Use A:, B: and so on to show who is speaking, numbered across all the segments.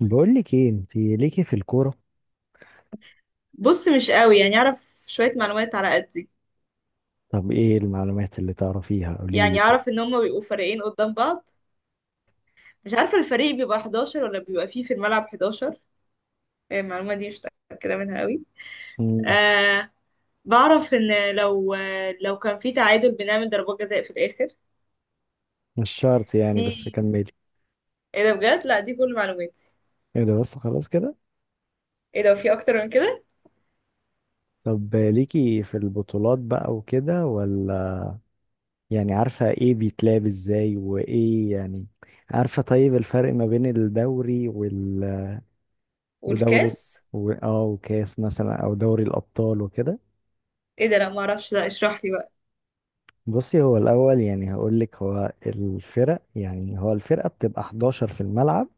A: بقول لك ايه؟ انت ليكي في الكوره؟
B: بص، مش قوي. يعني اعرف شوية معلومات على قدي.
A: طب ايه المعلومات اللي تعرفيها؟ قولي لي
B: يعني
A: كده.
B: اعرف ان هما بيبقوا فريقين قدام بعض. مش عارفة الفريق بيبقى 11 ولا بيبقى فيه في الملعب 11. المعلومة دي مش متأكدة منها قوي.
A: مم،
B: آه. بعرف ان لو لو كان في تعادل بنعمل ضربات جزاء في الاخر.
A: مش شرط يعني،
B: دي
A: بس كملي.
B: ايه ده بجد؟ لا، دي كل معلوماتي.
A: ايه ده؟ بس خلاص كده.
B: ايه ده؟ في اكتر من كده؟
A: طب ليكي في البطولات بقى وكده ولا؟ يعني عارفه ايه بيتلعب ازاي وايه يعني؟ عارفه طيب الفرق ما بين الدوري وال... ودوري
B: والكاس.
A: و... اه وكاس مثلا او دوري الابطال وكده.
B: ايه ده؟ لا، ما اعرفش. لا، اشرح لي بقى.
A: بصي، هو الاول يعني، هقول لك، هو الفرق يعني، هو الفرقه بتبقى 11 في الملعب،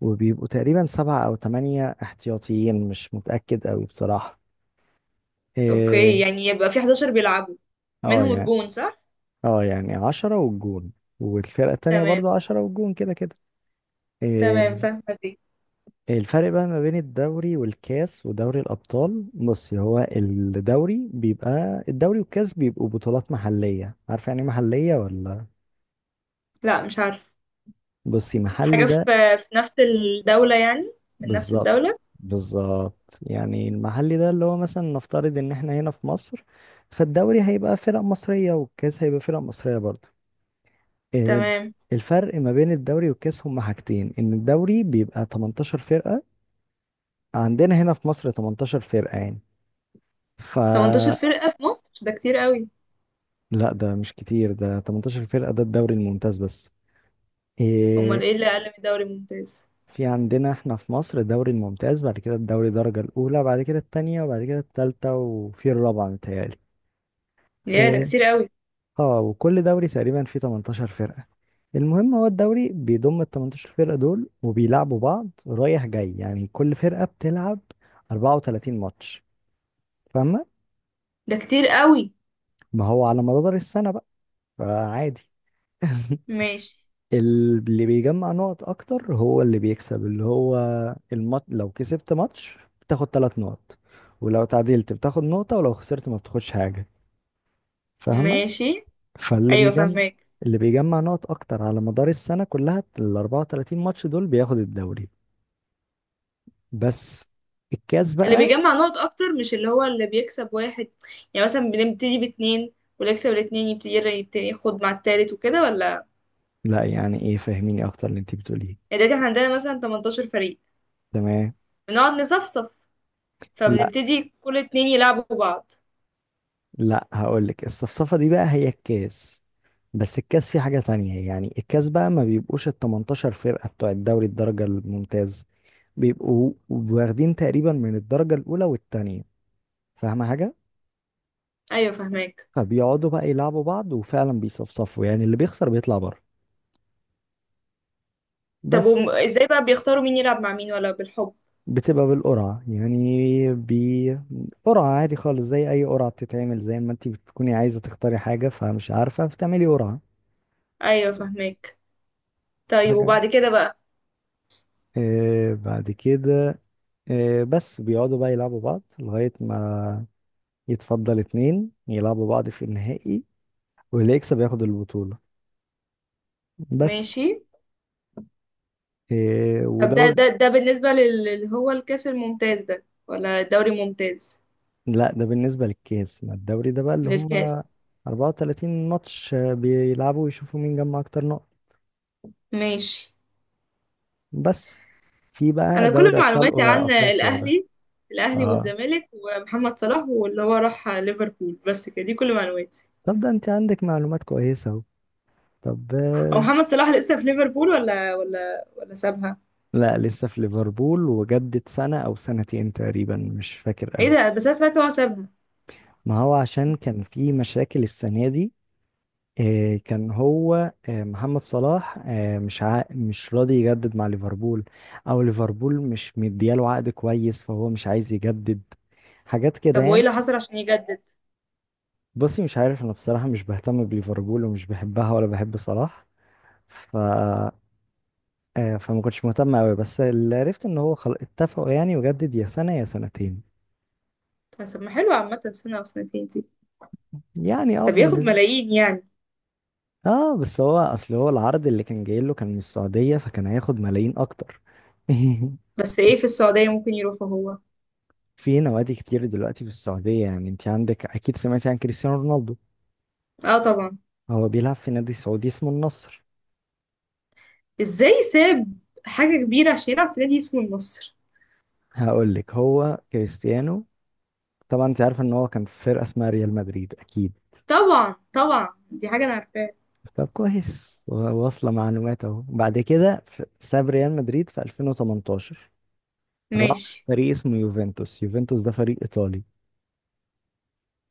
A: وبيبقوا تقريبا سبعة أو تمانية احتياطيين، مش متأكد أوي بصراحة.
B: اوكي.
A: إيه؟
B: يعني يبقى في 11 بيلعبوا،
A: اه
B: منهم
A: يعني.
B: الجون، صح؟
A: اه يعني 10 والجون، والفرقة التانية
B: تمام.
A: برضو 10 والجون كده كده. إيه؟
B: تمام، فاهمة دي.
A: الفرق بقى ما بين الدوري والكاس ودوري الأبطال، بص، هو الدوري بيبقى الدوري، والكاس بيبقوا بطولات محلية. عارفة يعني إيه محلية ولا؟
B: لا، مش عارفة.
A: بصي، محلي
B: حاجة
A: ده،
B: في في نفس الدولة يعني؟ من نفس
A: بالظبط
B: الدولة.
A: بالظبط. يعني المحلي ده اللي هو مثلا نفترض ان احنا هنا في مصر، فالدوري هيبقى فرق مصرية، والكاس هيبقى فرق مصرية برضه. إيه؟
B: تمام.
A: الفرق ما بين الدوري والكاس هما حاجتين، ان الدوري بيبقى 18 فرقة. عندنا هنا في مصر 18 فرقة يعني، ف...
B: 18 فرقة في مصر؟ ده كتير قوي.
A: لا ده مش كتير، ده 18 فرقة، ده الدوري الممتاز بس.
B: امال
A: إيه؟
B: ايه اللي اقل من الدوري الممتاز؟
A: في عندنا احنا في مصر الدوري الممتاز، بعد كده الدوري الدرجة الأولى، بعد كده التانية، وبعد كده التالتة، وفي الرابعة متهيألي.
B: يا، ده
A: آه،
B: كتير قوي.
A: اه وكل دوري تقريبا فيه 18 فرقة. المهم، هو الدوري بيضم ال 18 فرقة دول، وبيلعبوا بعض رايح جاي، يعني كل فرقة بتلعب 34 ماتش. فاهمة؟
B: ده كتير قوي.
A: ما هو على مدار السنة بقى، فعادي.
B: ماشي.
A: اللي بيجمع نقط اكتر هو اللي بيكسب، اللي هو لو كسبت ماتش بتاخد ثلاث نقط، ولو تعادلت بتاخد نقطة، ولو خسرت ما بتاخدش حاجة. فاهمة؟
B: ماشي.
A: فاللي
B: ايوه،
A: بيجمع
B: فاهمك.
A: اللي بيجمع نقط اكتر على مدار السنه كلها، ال 34 ماتش دول، بياخد الدوري. بس. الكاس
B: اللي
A: بقى،
B: بيجمع نقط اكتر مش اللي هو اللي بيكسب واحد؟ يعني مثلا بنبتدي باتنين، واللي يكسب الاتنين يبتدي ياخد مع التالت وكده، ولا؟
A: لا يعني ايه؟ فهميني اكتر اللي انت بتقوليه.
B: يعني دلوقتي احنا عندنا مثلا 18 فريق،
A: تمام.
B: بنقعد نصفصف،
A: لا
B: فبنبتدي كل اتنين يلعبوا بعض.
A: لا، هقول لك الصفصفه دي بقى هي الكاس، بس الكاس فيه حاجه تانية يعني. الكاس بقى ما بيبقوش ال 18 فرقه بتوع الدوري الدرجه الممتاز، بيبقوا واخدين تقريبا من الدرجه الاولى والتانية. فاهمه حاجه؟
B: ايوه، فاهمك.
A: فبيقعدوا بقى يلعبوا بعض، وفعلا بيصفصفوا يعني، اللي بيخسر بيطلع بره.
B: طب
A: بس.
B: ازاي بقى بيختاروا مين يلعب مع مين، ولا بالحب؟
A: بتبقى بالقرعة، يعني بقرعة عادي خالص، زي أي قرعة بتتعمل، زي ما انتي بتكوني عايزة تختاري حاجة فمش عارفة فتعملي قرعة.
B: ايوه،
A: بس
B: فهمك. طيب،
A: حاجة.
B: وبعد كده بقى؟
A: آه بعد كده، آه بس بيقعدوا بقى يلعبوا بعض لغاية ما يتفضل اتنين يلعبوا بعض في النهائي، واللي يكسب ياخد البطولة. بس.
B: ماشي.
A: آه.
B: طب ده
A: ودور...
B: ده ده بالنسبة اللي هو الكاس الممتاز ده، ولا الدوري الممتاز؟
A: لا ده بالنسبة للكاس. ما الدوري ده بقى اللي هم
B: للكاس.
A: 34 ماتش، بيلعبوا ويشوفوا مين جمع أكتر نقط.
B: ماشي.
A: بس. في بقى
B: انا كل
A: دوري ابطال
B: معلوماتي عن
A: افريقيا ده.
B: الاهلي. الاهلي
A: اه
B: والزمالك ومحمد صلاح واللي هو راح ليفربول. بس كده، دي كل معلوماتي.
A: طب ده انت عندك معلومات كويسه اهو. طب
B: هو
A: آه.
B: محمد صلاح لسه في ليفربول، ولا سابها؟
A: لا لسه في ليفربول، وجدد سنه او سنتين تقريبا، مش فاكر
B: ايه
A: قوي.
B: ده؟ بس انا سمعت إن هو سابها.
A: ما هو عشان كان في مشاكل السنه دي، كان هو محمد صلاح مش راضي يجدد مع ليفربول، او ليفربول مش مدياله عقد كويس، فهو مش عايز يجدد. حاجات كده
B: طب وايه
A: يعني.
B: اللي حصل عشان يجدد؟
A: بصي مش عارف انا بصراحه، مش بهتم بليفربول ومش بحبها ولا بحب صلاح. ف... فما كنتش مهتم قوي، بس اللي عرفت ان هو خلاص اتفقوا يعني يجدد يا سنة يا سنتين.
B: طب، ما حلو عامة سنة او سنتين.
A: يعني اه
B: ده بياخد
A: بالنسبة.
B: ملايين يعني.
A: اه بس هو اصل، هو العرض اللي كان جاي له كان من السعودية، فكان هياخد ملايين اكتر.
B: بس ايه، في السعودية ممكن يروحوا هو؟
A: في نوادي كتير دلوقتي في السعودية. يعني انت عندك اكيد سمعتي عن كريستيانو رونالدو،
B: اه، طبعا.
A: هو بيلعب في نادي سعودي اسمه النصر.
B: ازاي ساب حاجة كبيرة عشان يلعب في نادي اسمه النصر؟
A: هقول لك، هو كريستيانو، طبعا انت عارف ان هو كان في فرقة اسمها ريال مدريد اكيد؟
B: طبعا طبعا، دي حاجة انا عارفاها.
A: طب كويس، واصلة معلومات اهو. بعد كده ساب ريال مدريد في 2018، راح
B: ماشي.
A: فريق اسمه يوفنتوس. يوفنتوس ده فريق ايطالي،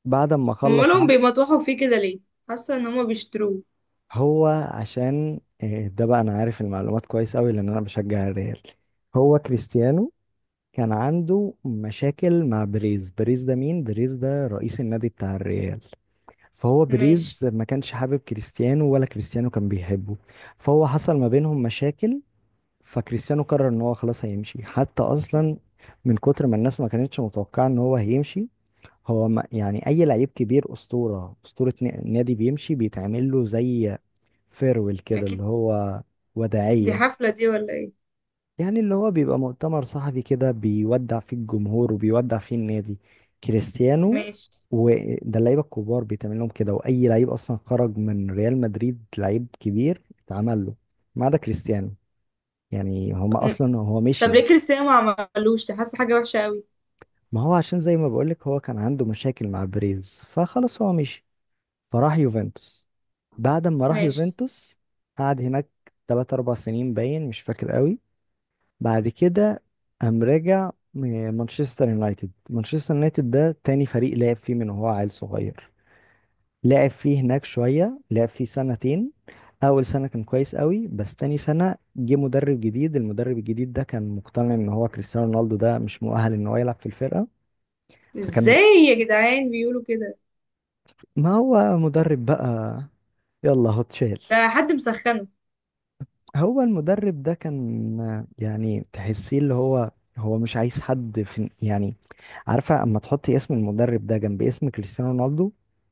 A: بعد ما خلص
B: امالهم
A: عقد-
B: بيمطوحوا فيه كده ليه؟ حاسة ان هما بيشتروه.
A: هو عشان ده بقى انا عارف المعلومات كويس قوي لان انا بشجع الريال. هو كريستيانو كان عنده مشاكل مع بريز. بريز ده مين؟ بريز ده رئيس النادي بتاع الريال. فهو
B: ماشي.
A: بريز ما كانش حابب كريستيانو، ولا كريستيانو كان بيحبه، فهو حصل ما بينهم مشاكل. فكريستيانو قرر ان هو خلاص هيمشي، حتى اصلا من كتر ما الناس ما كانتش متوقعه ان هو هيمشي. هو ما يعني اي لعيب كبير اسطوره اسطوره نادي بيمشي بيتعمل له زي فيرويل كده،
B: اكيد.
A: اللي هو
B: دي
A: وداعيه،
B: حفلة دي ولا ايه؟
A: يعني اللي هو بيبقى مؤتمر صحفي كده، بيودع فيه الجمهور وبيودع فيه النادي كريستيانو.
B: ماشي.
A: وده اللعيبه الكبار بيتعمل لهم كده، واي لعيب اصلا خرج من ريال مدريد لعيب كبير اتعمل له، ما عدا كريستيانو. يعني هما
B: م-
A: اصلا هو
B: طب
A: مشي.
B: ليه كريستيانو ما عملوش ده؟ حاسة حاجة وحشة قوي.
A: ما هو عشان زي ما بقولك هو كان عنده مشاكل مع بريز، فخلاص هو مشي فراح يوفنتوس. بعد ما راح
B: ماشي.
A: يوفنتوس قعد هناك تلات أربع سنين باين، مش فاكر قوي. بعد كده قام راجع مانشستر يونايتد. مانشستر يونايتد ده تاني فريق لعب فيه من وهو عيل صغير، لعب فيه هناك شوية، لعب فيه سنتين. أول سنة كان كويس قوي، بس تاني سنة جه مدرب جديد. المدرب الجديد ده كان مقتنع إن هو كريستيانو رونالدو ده مش مؤهل إن هو يلعب في الفرقة. فكان...
B: ازاي؟ يا جدعان، بيقولوا كده؟
A: ما هو مدرب بقى، يلا هو اتشال.
B: ده حد مسخنه.
A: هو المدرب ده كان يعني تحسيه اللي هو، هو مش عايز حد في يعني. عارفة اما تحطي اسم المدرب ده جنب اسم كريستيانو رونالدو،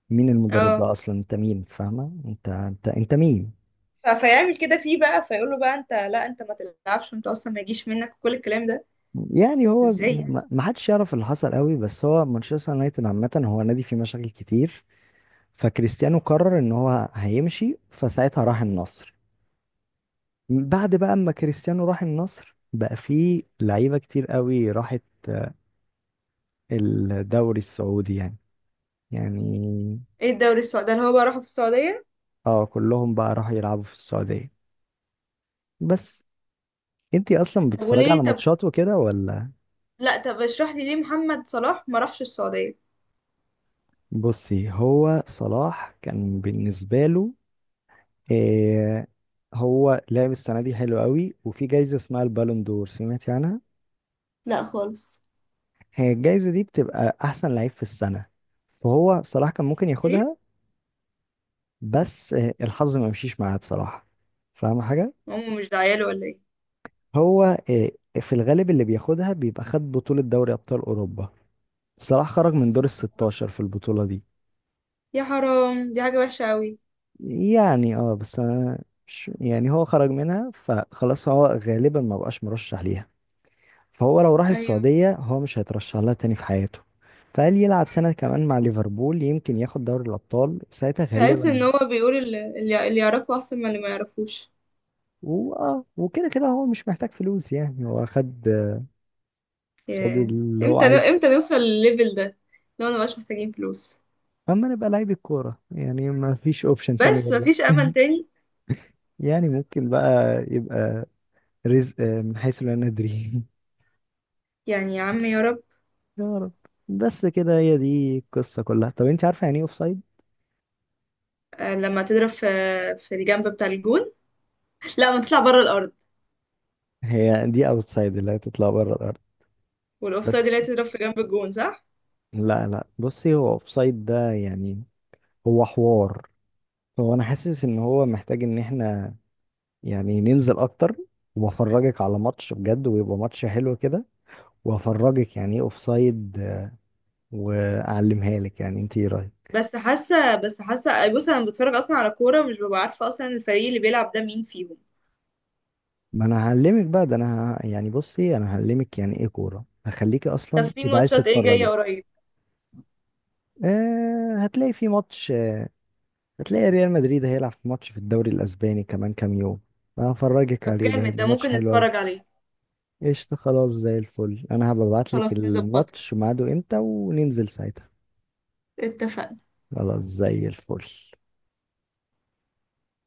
A: مين المدرب
B: اه.
A: ده اصلا؟ انت مين فاهمة؟ انت انت انت مين؟
B: فيعمل كده فيه بقى؟ فيقول له بقى: انت لا، انت ما تلعبش، وانت اصلا ما يجيش منك كل الكلام ده؟
A: يعني هو
B: ازاي يعني؟
A: ما حدش يعرف اللي حصل قوي، بس هو مانشستر يونايتد عامة هو نادي فيه مشاكل كتير. فكريستيانو قرر ان هو هيمشي، فساعتها راح النصر. بعد بقى اما كريستيانو راح النصر بقى فيه لعيبة كتير قوي راحت الدوري السعودي يعني. يعني
B: ايه الدوري السعودي ده اللي هو بقى راحوا في السعوديه؟
A: اه كلهم بقى راحوا يلعبوا في السعودية. بس. انتي اصلا
B: طب
A: بتتفرجي
B: وليه
A: على ماتشات وكده ولا؟
B: لا، طب اشرح لي ليه محمد صلاح ما راحش السعوديه.
A: بصي، هو صلاح كان بالنسبة له إيه، هو لعب السنة دي حلو قوي، وفي جايزة اسمها البالون دور، سمعتي عنها؟
B: لا خالص.
A: هي الجايزة دي بتبقى احسن لعيب في السنة، فهو صلاح كان ممكن
B: ايه؟
A: ياخدها، بس الحظ ما مشيش معاه بصراحة. فاهم حاجة؟
B: هم مش داعيه له ولا ايه؟
A: هو آه، في الغالب اللي بياخدها بيبقى خد بطولة دوري أبطال أوروبا، صلاح خرج من دور الـ16 في البطولة دي.
B: يا حرام، دي حاجه وحشه قوي.
A: يعني اه بس أنا مش يعني، هو خرج منها فخلاص هو غالبا ما بقاش مرشح ليها، فهو لو راح
B: ايوه.
A: السعودية هو مش هيترشح لها تاني في حياته. فقال يلعب سنة كمان مع ليفربول يمكن ياخد دوري الأبطال ساعتها
B: تحس
A: غالبا.
B: ان هو بيقول اللي، اللي يعرفه احسن من اللي ما يعرفوش.
A: واه وكده كده هو مش محتاج فلوس يعني، هو خد خد
B: ياه.
A: اللي هو عايزه.
B: امتى نوصل للليفل ده؟ لو ما بقاش محتاجين فلوس.
A: اما نبقى لعيب كورة يعني ما فيش اوبشن تاني
B: بس
A: غير ده.
B: مفيش امل تاني؟
A: يعني ممكن بقى يبقى رزق من حيث لا ندري.
B: يعني يا عم، يا رب.
A: يا رب. بس كده هي دي القصة كلها. طب انت عارفة يعني ايه اوفسايد؟
B: آه، لما تضرب في الجنب بتاع الجون. لا، ما تطلع بره الارض.
A: هي دي اوتسايد اللي هتطلع بره الارض.
B: والاوفسايد اللي هي
A: بس
B: تضرب في جنب الجون، صح؟
A: لا لا، بصي هو اوفسايد ده يعني هو حوار، هو انا حاسس ان هو محتاج ان احنا يعني ننزل اكتر، وافرجك على ماتش بجد ويبقى ماتش حلو كده، وافرجك يعني ايه اوفسايد واعلمها لك. يعني انت ايه رايك؟
B: بس حاسه بس حاسه آه، بص، انا بتفرج اصلا على كوره مش ببقى عارفه اصلا الفريق اللي بيلعب ده مين فيهم.
A: ما انا هعلمك بقى، ده انا يعني بصي، انا هعلمك يعني ايه كوره، هخليكي
B: طب،
A: اصلا
B: في
A: تبقى عايز
B: ماتشات ايه جايه
A: تتفرجي.
B: قريب؟
A: آه هتلاقي في ماتش، هتلاقي ريال مدريد هيلعب في ماتش في الدوري الاسباني كمان كام يوم، أنا هفرجك
B: طب
A: عليه، ده
B: جامد،
A: هيبقى
B: ده
A: ماتش
B: ممكن
A: حلو قوي.
B: نتفرج عليه؟
A: قشطة خلاص زي الفل، انا هبعت لك
B: خلاص نظبطها.
A: الماتش ميعاده امتى وننزل ساعتها.
B: اتفقنا.
A: خلاص زي الفل.